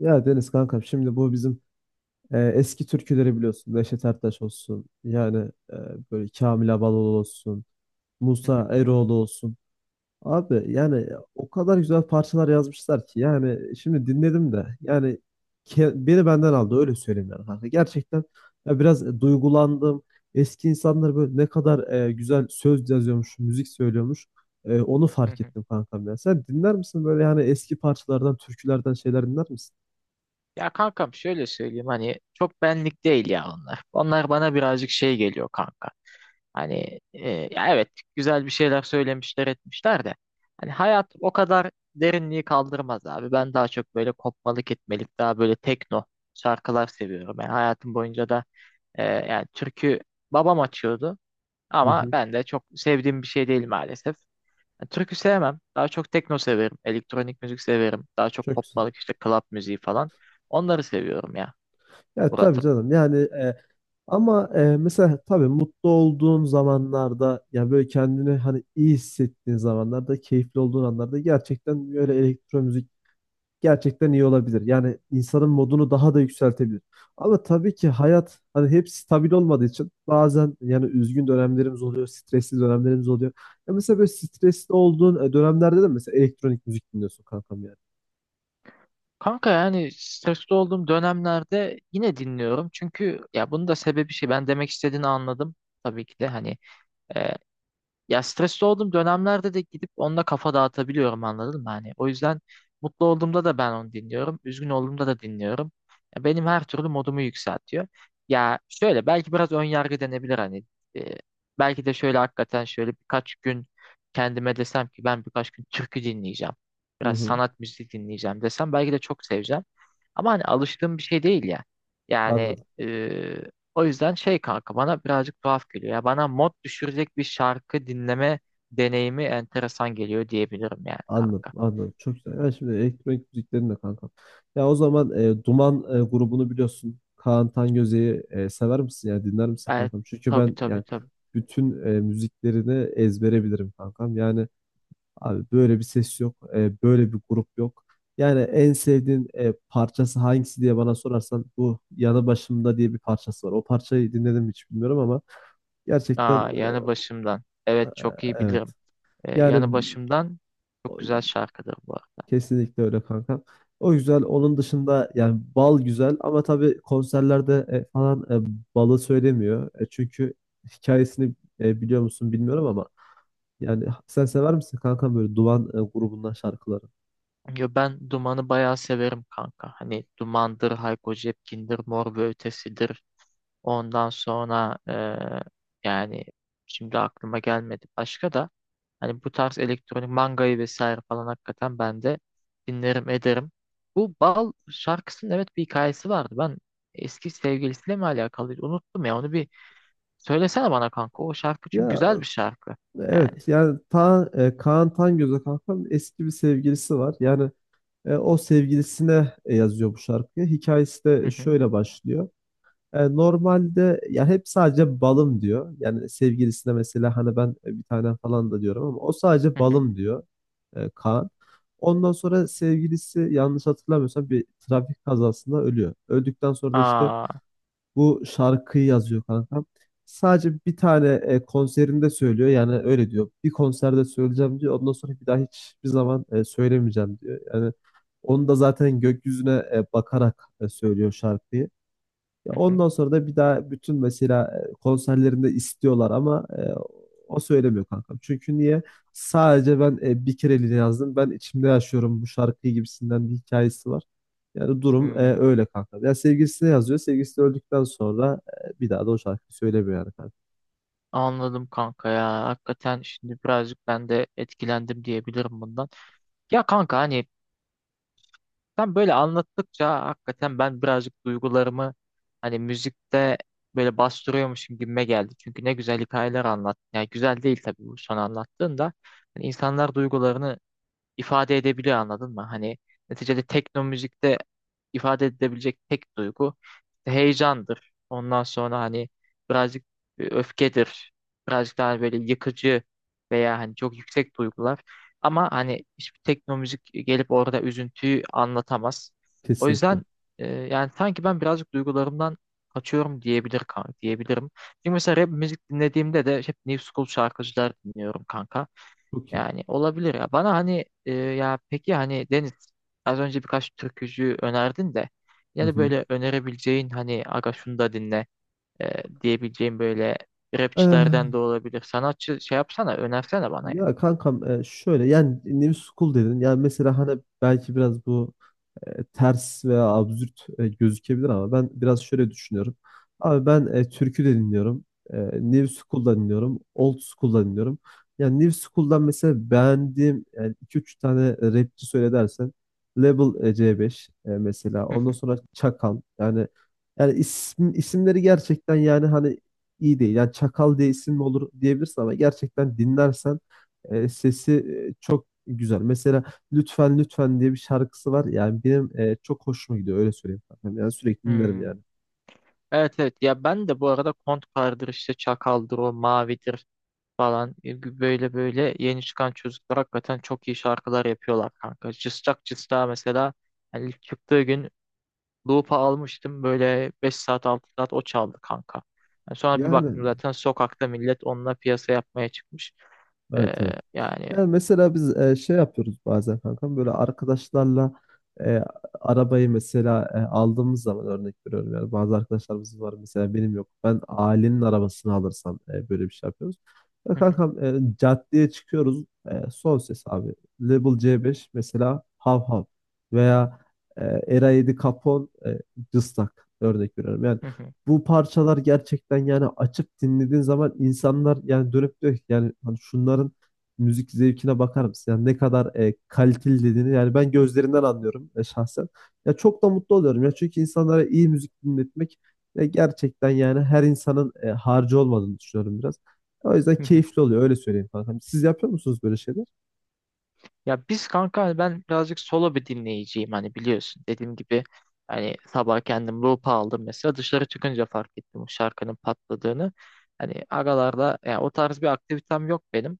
Ya Deniz kankam, şimdi bu bizim eski türküleri biliyorsun. Neşet Ertaş olsun. Yani e, böyle Kamil Abaloğlu olsun. Hı Musa hı, Eroğlu olsun. Abi yani o kadar güzel parçalar yazmışlar ki. Yani şimdi dinledim de yani beni benden aldı, öyle söyleyeyim yani kanka. Gerçekten ya biraz duygulandım. Eski insanlar böyle ne kadar güzel söz yazıyormuş, müzik söylüyormuş. Onu hı fark hı. ettim kankam ya. Sen dinler misin böyle, yani eski parçalardan, türkülerden şeyler dinler misin? Ya kankam, şöyle söyleyeyim, hani çok benlik değil ya onlar. Onlar bana birazcık şey geliyor kanka. Hani ya evet, güzel bir şeyler söylemişler etmişler de hani hayat o kadar derinliği kaldırmaz abi. Ben daha çok böyle kopmalık etmelik, daha böyle tekno şarkılar seviyorum. Yani hayatım boyunca da yani türkü, babam açıyordu Hı ama hı. ben de çok sevdiğim bir şey değil maalesef. Yani türkü sevmem. Daha çok tekno severim. Elektronik müzik severim. Daha çok Çok güzel. kopmalık, işte club müziği falan. Onları seviyorum ya Ya tabii Murat'ım. canım, yani ama mesela tabii mutlu olduğun zamanlarda, yani böyle kendini hani iyi hissettiğin zamanlarda, keyifli olduğun anlarda gerçekten böyle elektro müzik gerçekten iyi olabilir. Yani insanın modunu daha da yükseltebilir. Ama tabii ki hayat hani hep stabil olmadığı için bazen yani üzgün dönemlerimiz oluyor, stresli dönemlerimiz oluyor. Ya mesela böyle stresli olduğun dönemlerde de mesela elektronik müzik dinliyorsun kankam yani. Kanka yani stresli olduğum dönemlerde yine dinliyorum. Çünkü ya bunun da sebebi şey. Ben demek istediğini anladım. Tabii ki de hani, ya stresli olduğum dönemlerde de gidip onunla kafa dağıtabiliyorum, anladın mı? Hani o yüzden mutlu olduğumda da ben onu dinliyorum. Üzgün olduğumda da dinliyorum. Ya benim her türlü modumu yükseltiyor. Ya şöyle belki biraz ön yargı denebilir hani. E, Belki de şöyle hakikaten şöyle birkaç gün kendime desem ki ben birkaç gün türkü dinleyeceğim. Hı Biraz hı. sanat müziği dinleyeceğim desem belki de çok seveceğim. Ama hani alıştığım bir şey değil ya. Yani Anladım. o yüzden şey kanka, bana birazcık tuhaf geliyor. Ya bana mod düşürecek bir şarkı dinleme deneyimi enteresan geliyor diyebilirim yani Anladım, kanka. anladım. Çok güzel. Yani şimdi elektronik müziklerin de kankam. Ya o zaman Duman grubunu biliyorsun. Kaan Tangöze'yi sever misin? Yani dinler misin Evet, kankam? Çünkü tabii ben tabii yani tabii. bütün müziklerini ezbere bilirim kankam. Yani abi böyle bir ses yok. Böyle bir grup yok. Yani en sevdiğin parçası hangisi diye bana sorarsan, bu Yanı Başımda diye bir parçası var. O parçayı dinledim mi hiç bilmiyorum ama gerçekten Aa, yanı başımdan. e, Evet, çok iyi evet. bilirim. Yanı Yani başımdan çok güzel şarkıdır bu arada. kesinlikle öyle kanka. O güzel. Onun dışında yani bal güzel, ama tabii konserlerde balı söylemiyor. Çünkü hikayesini biliyor musun bilmiyorum, ama yani sen sever misin kanka böyle Duman grubundan şarkıları? Ya ben Duman'ı bayağı severim kanka. Hani Duman'dır, Hayko Cepkin'dir, Mor ve Ötesi'dir. Ondan sonra yani şimdi aklıma gelmedi başka da. Hani bu tarz elektronik mangayı vesaire falan hakikaten ben de dinlerim ederim. Bu Bal şarkısının evet bir hikayesi vardı. Ben eski sevgilisiyle mi alakalıydı? Unuttum ya onu, bir söylesene bana kanka. O şarkı çünkü Ya güzel bir şarkı. Yani. evet, yani Kaan Tangöz'e kankam eski bir sevgilisi var. Yani o sevgilisine yazıyor bu şarkıyı. Hikayesi Hı de hı, şöyle başlıyor. Normalde ya hep sadece balım diyor. Yani sevgilisine mesela hani ben bir tane falan da diyorum ama o sadece hı hı. balım diyor, Kaan. Ondan sonra sevgilisi, yanlış hatırlamıyorsam, bir trafik kazasında ölüyor. Öldükten sonra da işte Aa, bu şarkıyı yazıyor kankam. Sadece bir tane konserinde söylüyor. Yani öyle diyor. Bir konserde söyleyeceğim diyor. Ondan sonra bir daha hiçbir zaman söylemeyeceğim diyor. Yani onu da zaten gökyüzüne bakarak söylüyor şarkıyı. Ya hı hı, ondan sonra da bir daha bütün mesela konserlerinde istiyorlar, ama o söylemiyor kankam. Çünkü niye? Sadece ben bir kereliğine yazdım. Ben içimde yaşıyorum bu şarkıyı gibisinden bir hikayesi var. Yani durum hmm. öyle kanka. Ya sevgilisine yazıyor. Sevgilisi öldükten sonra bir daha da o şarkıyı söylemiyor yani kanka. Anladım kanka ya. Hakikaten şimdi birazcık ben de etkilendim diyebilirim bundan. Ya kanka hani, sen böyle anlattıkça hakikaten ben birazcık duygularımı hani müzikte böyle bastırıyormuşum gibime geldi. Çünkü ne güzel hikayeler anlattın. Yani güzel değil tabii bu son anlattığın da. Hani insanlar duygularını ifade edebiliyor, anladın mı? Hani neticede tekno müzikte ifade edebilecek tek duygu işte heyecandır. Ondan sonra hani birazcık öfkedir. Birazcık daha böyle yıkıcı veya hani çok yüksek duygular. Ama hani hiçbir tekno müzik gelip orada üzüntüyü anlatamaz. O Kesinlikle. yüzden yani sanki ben birazcık duygularımdan kaçıyorum diyebilir kan diyebilirim. Çünkü mesela rap müzik dinlediğimde de hep New School şarkıcılar dinliyorum kanka. Çok iyi. Yani olabilir ya. Bana hani ya peki hani Deniz az önce birkaç türkücü önerdin de, Hı ya da hı. böyle önerebileceğin hani aga şunu da dinle diyebileceğin böyle Eh, rapçilerden de olabilir. Sanatçı şey yapsana, önersene bana yani. Ya kankam, şöyle, yani New School dedin. Yani mesela hani belki biraz bu ters veya absürt gözükebilir, ama ben biraz şöyle düşünüyorum. Abi ben türkü de dinliyorum. New School'da dinliyorum. Old School'da dinliyorum. Yani New School'dan mesela beğendiğim yani 2-3 tane rapçi söyle dersen, Label C5 mesela. Hı Ondan hı. sonra Çakal. Yani isimleri gerçekten yani hani iyi değil. Yani Çakal diye isim mi olur diyebilirsin, ama gerçekten dinlersen sesi çok güzel. Mesela Lütfen Lütfen diye bir şarkısı var. Yani benim çok hoşuma gidiyor, öyle söyleyeyim, kankam. Yani sürekli dinlerim Hmm. yani. Evet evet, ya ben de bu arada Kontkar'dır, işte Çakal'dır, o Mavi'dir falan. Böyle böyle yeni çıkan çocuklar hakikaten çok iyi şarkılar yapıyorlar kanka. Cıstak Cıstak'a mesela hani ilk çıktığı gün Loop'a almıştım. Böyle 5 saat 6 saat o çaldı kanka. Yani sonra bir Yani baktım zaten sokakta millet onunla piyasa yapmaya çıkmış. Ee, evet, evet. yani Yani mesela biz şey yapıyoruz bazen kankam, böyle arkadaşlarla e, arabayı mesela aldığımız zaman, örnek veriyorum yani, bazı arkadaşlarımız var mesela, benim yok, ben ailenin arabasını alırsam böyle bir şey yapıyoruz. Ya hı hı, kankam, caddeye çıkıyoruz, son ses abi Label C5 mesela hav hav, veya Era 7 Capone cıstak, örnek veriyorum yani, hı hı, bu parçalar gerçekten yani açıp dinlediğin zaman, insanlar yani dönüp diyor ki yani hani şunların müzik zevkine bakar mısın? Yani ne kadar kaliteli dediğini yani ben gözlerinden anlıyorum, şahsen. Ya çok da mutlu oluyorum ya, çünkü insanlara iyi müzik dinletmek gerçekten yani her insanın harcı olmadığını düşünüyorum biraz. O yüzden hı hı. keyifli oluyor, öyle söyleyeyim kankam. Siz yapıyor musunuz böyle şeyler? Ya biz kanka hani ben birazcık solo bir dinleyiciyim, hani biliyorsun dediğim gibi. Hani sabah kendim loop'a aldım, mesela dışarı çıkınca fark ettim bu şarkının patladığını. Hani aralarda yani o tarz bir aktivitem yok benim.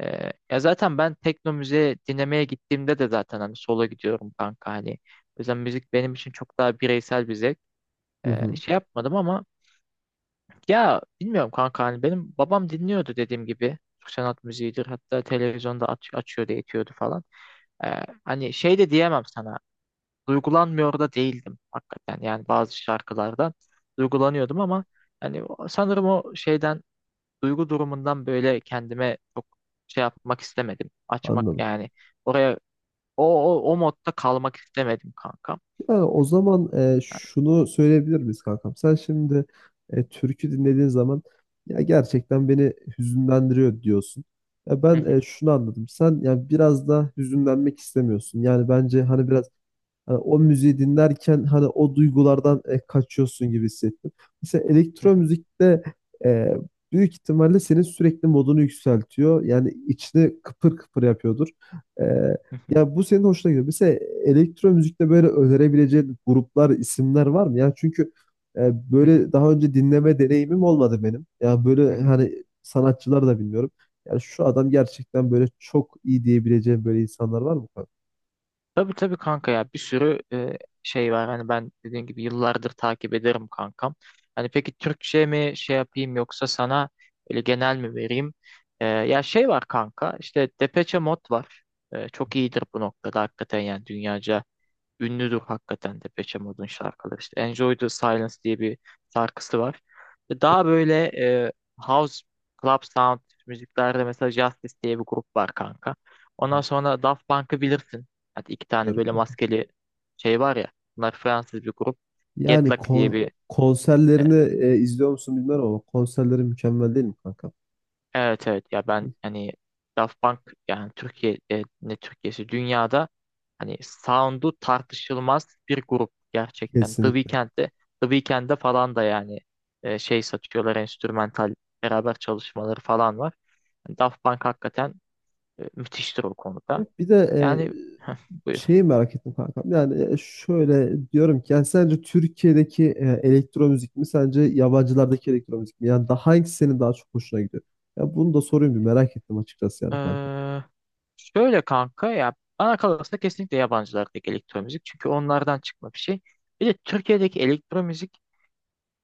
Ya zaten ben tekno müziği dinlemeye gittiğimde de zaten hani sola gidiyorum kanka hani. O yüzden müzik benim için çok daha bireysel bir zevk. Hı hı. Şey yapmadım ama ya bilmiyorum kanka, hani benim babam dinliyordu dediğim gibi. Türk sanat müziğidir, hatta televizyonda açıyordu etiyordu falan. Hani şey de diyemem sana, duygulanmıyor da değildim hakikaten, yani bazı şarkılardan duygulanıyordum ama hani sanırım o şeyden, duygu durumundan böyle kendime çok şey yapmak istemedim. Açmak Anladım. yani, oraya o o modda kalmak istemedim kankam. Yani o zaman Yani, şunu söyleyebilir miyiz kankam? Sen şimdi türkü dinlediğin zaman ya gerçekten beni hüzünlendiriyor diyorsun. Ya hı ben hı, şunu anladım. Sen ya biraz da hüzünlenmek istemiyorsun. Yani bence hani biraz hani o müziği dinlerken hani o duygulardan kaçıyorsun gibi hissettim. Mesela hı elektro hı, müzikte e, büyük ihtimalle senin sürekli modunu yükseltiyor. Yani içini kıpır kıpır yapıyordur. E, hı hı, Ya bu senin hoşuna gidiyor. Mesela elektro müzikte böyle önerebileceğin gruplar, isimler var mı? Yani çünkü hı hı, böyle daha önce dinleme deneyimim olmadı benim. Ya hı böyle hı. hani sanatçılar da bilmiyorum. Yani şu adam gerçekten böyle çok iyi diyebileceğim böyle insanlar var mı? Tabii tabii kanka, ya bir sürü şey var. Hani ben dediğim gibi yıllardır takip ederim kankam. Hani peki Türkçe mi şey yapayım, yoksa sana öyle genel mi vereyim? Ya şey var kanka, işte Depeche Mode var. Çok iyidir bu noktada hakikaten, yani dünyaca ünlüdür hakikaten de Depeche Mode'un şarkıları. İşte Enjoy the Silence diye bir şarkısı var. Ve daha böyle e, house, club sound müziklerde mesela Justice diye bir grup var kanka. Ondan sonra Daft Punk'ı bilirsin. Hadi iki tane böyle Bilmiyorum. maskeli şey var ya. Bunlar Fransız bir grup. Get Yani Lucky diye bir e, konserlerini izliyor musun bilmiyorum, ama konserleri mükemmel değil mi kanka? evet evet, ya ben hani Daft Punk yani ne Türkiye'si, dünyada hani sound'u tartışılmaz bir grup gerçekten. Kesinlikle. The Weeknd'de falan da yani şey satıyorlar, enstrümantal beraber çalışmaları falan var. Hani Daft Punk hakikaten müthiştir o konuda. Ya bir de Yani buyur. şeyi merak ettim kankam. Yani şöyle diyorum ki yani, sence Türkiye'deki elektro müzik mi, sence yabancılardaki elektro müzik mi? Yani daha hangisi senin daha çok hoşuna gidiyor? Ya bunu da sorayım, bir merak ettim açıkçası yani kanka. Ee, Şöyle kanka, ya bana kalırsa kesinlikle yabancılardaki elektro müzik. Çünkü onlardan çıkma bir şey. Bir de Türkiye'deki elektro müzik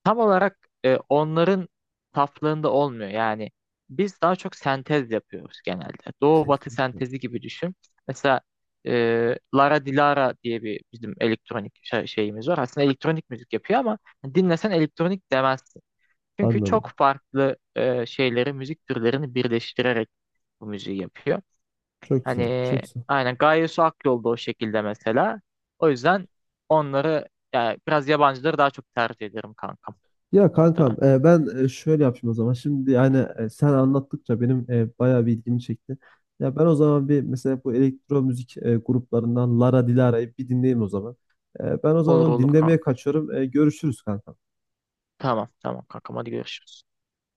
tam olarak onların saflığında olmuyor. Yani biz daha çok sentez yapıyoruz genelde. Doğu batı Kesinlikle. sentezi gibi düşün. Mesela Lara Dilara diye bir bizim elektronik şeyimiz var. Aslında elektronik müzik yapıyor ama dinlesen elektronik demezsin. Çünkü çok Anladım. farklı şeyleri, müzik türlerini birleştirerek bu müziği yapıyor. Çok güzel. Hani Çok güzel. aynen Gaye Su Akyol da o şekilde mesela. O yüzden onları, yani biraz yabancıları daha çok tercih ederim kankam Ya bu noktada. kankam, ben şöyle yapayım o zaman. Şimdi yani sen anlattıkça benim bayağı bir ilgimi çekti. Ya ben o zaman bir mesela bu elektro müzik gruplarından Lara Dilara'yı bir dinleyeyim o zaman. Ben o zaman Olur onu olur dinlemeye kanka. kaçıyorum. Görüşürüz kankam. Tamam tamam kankam, hadi görüşürüz.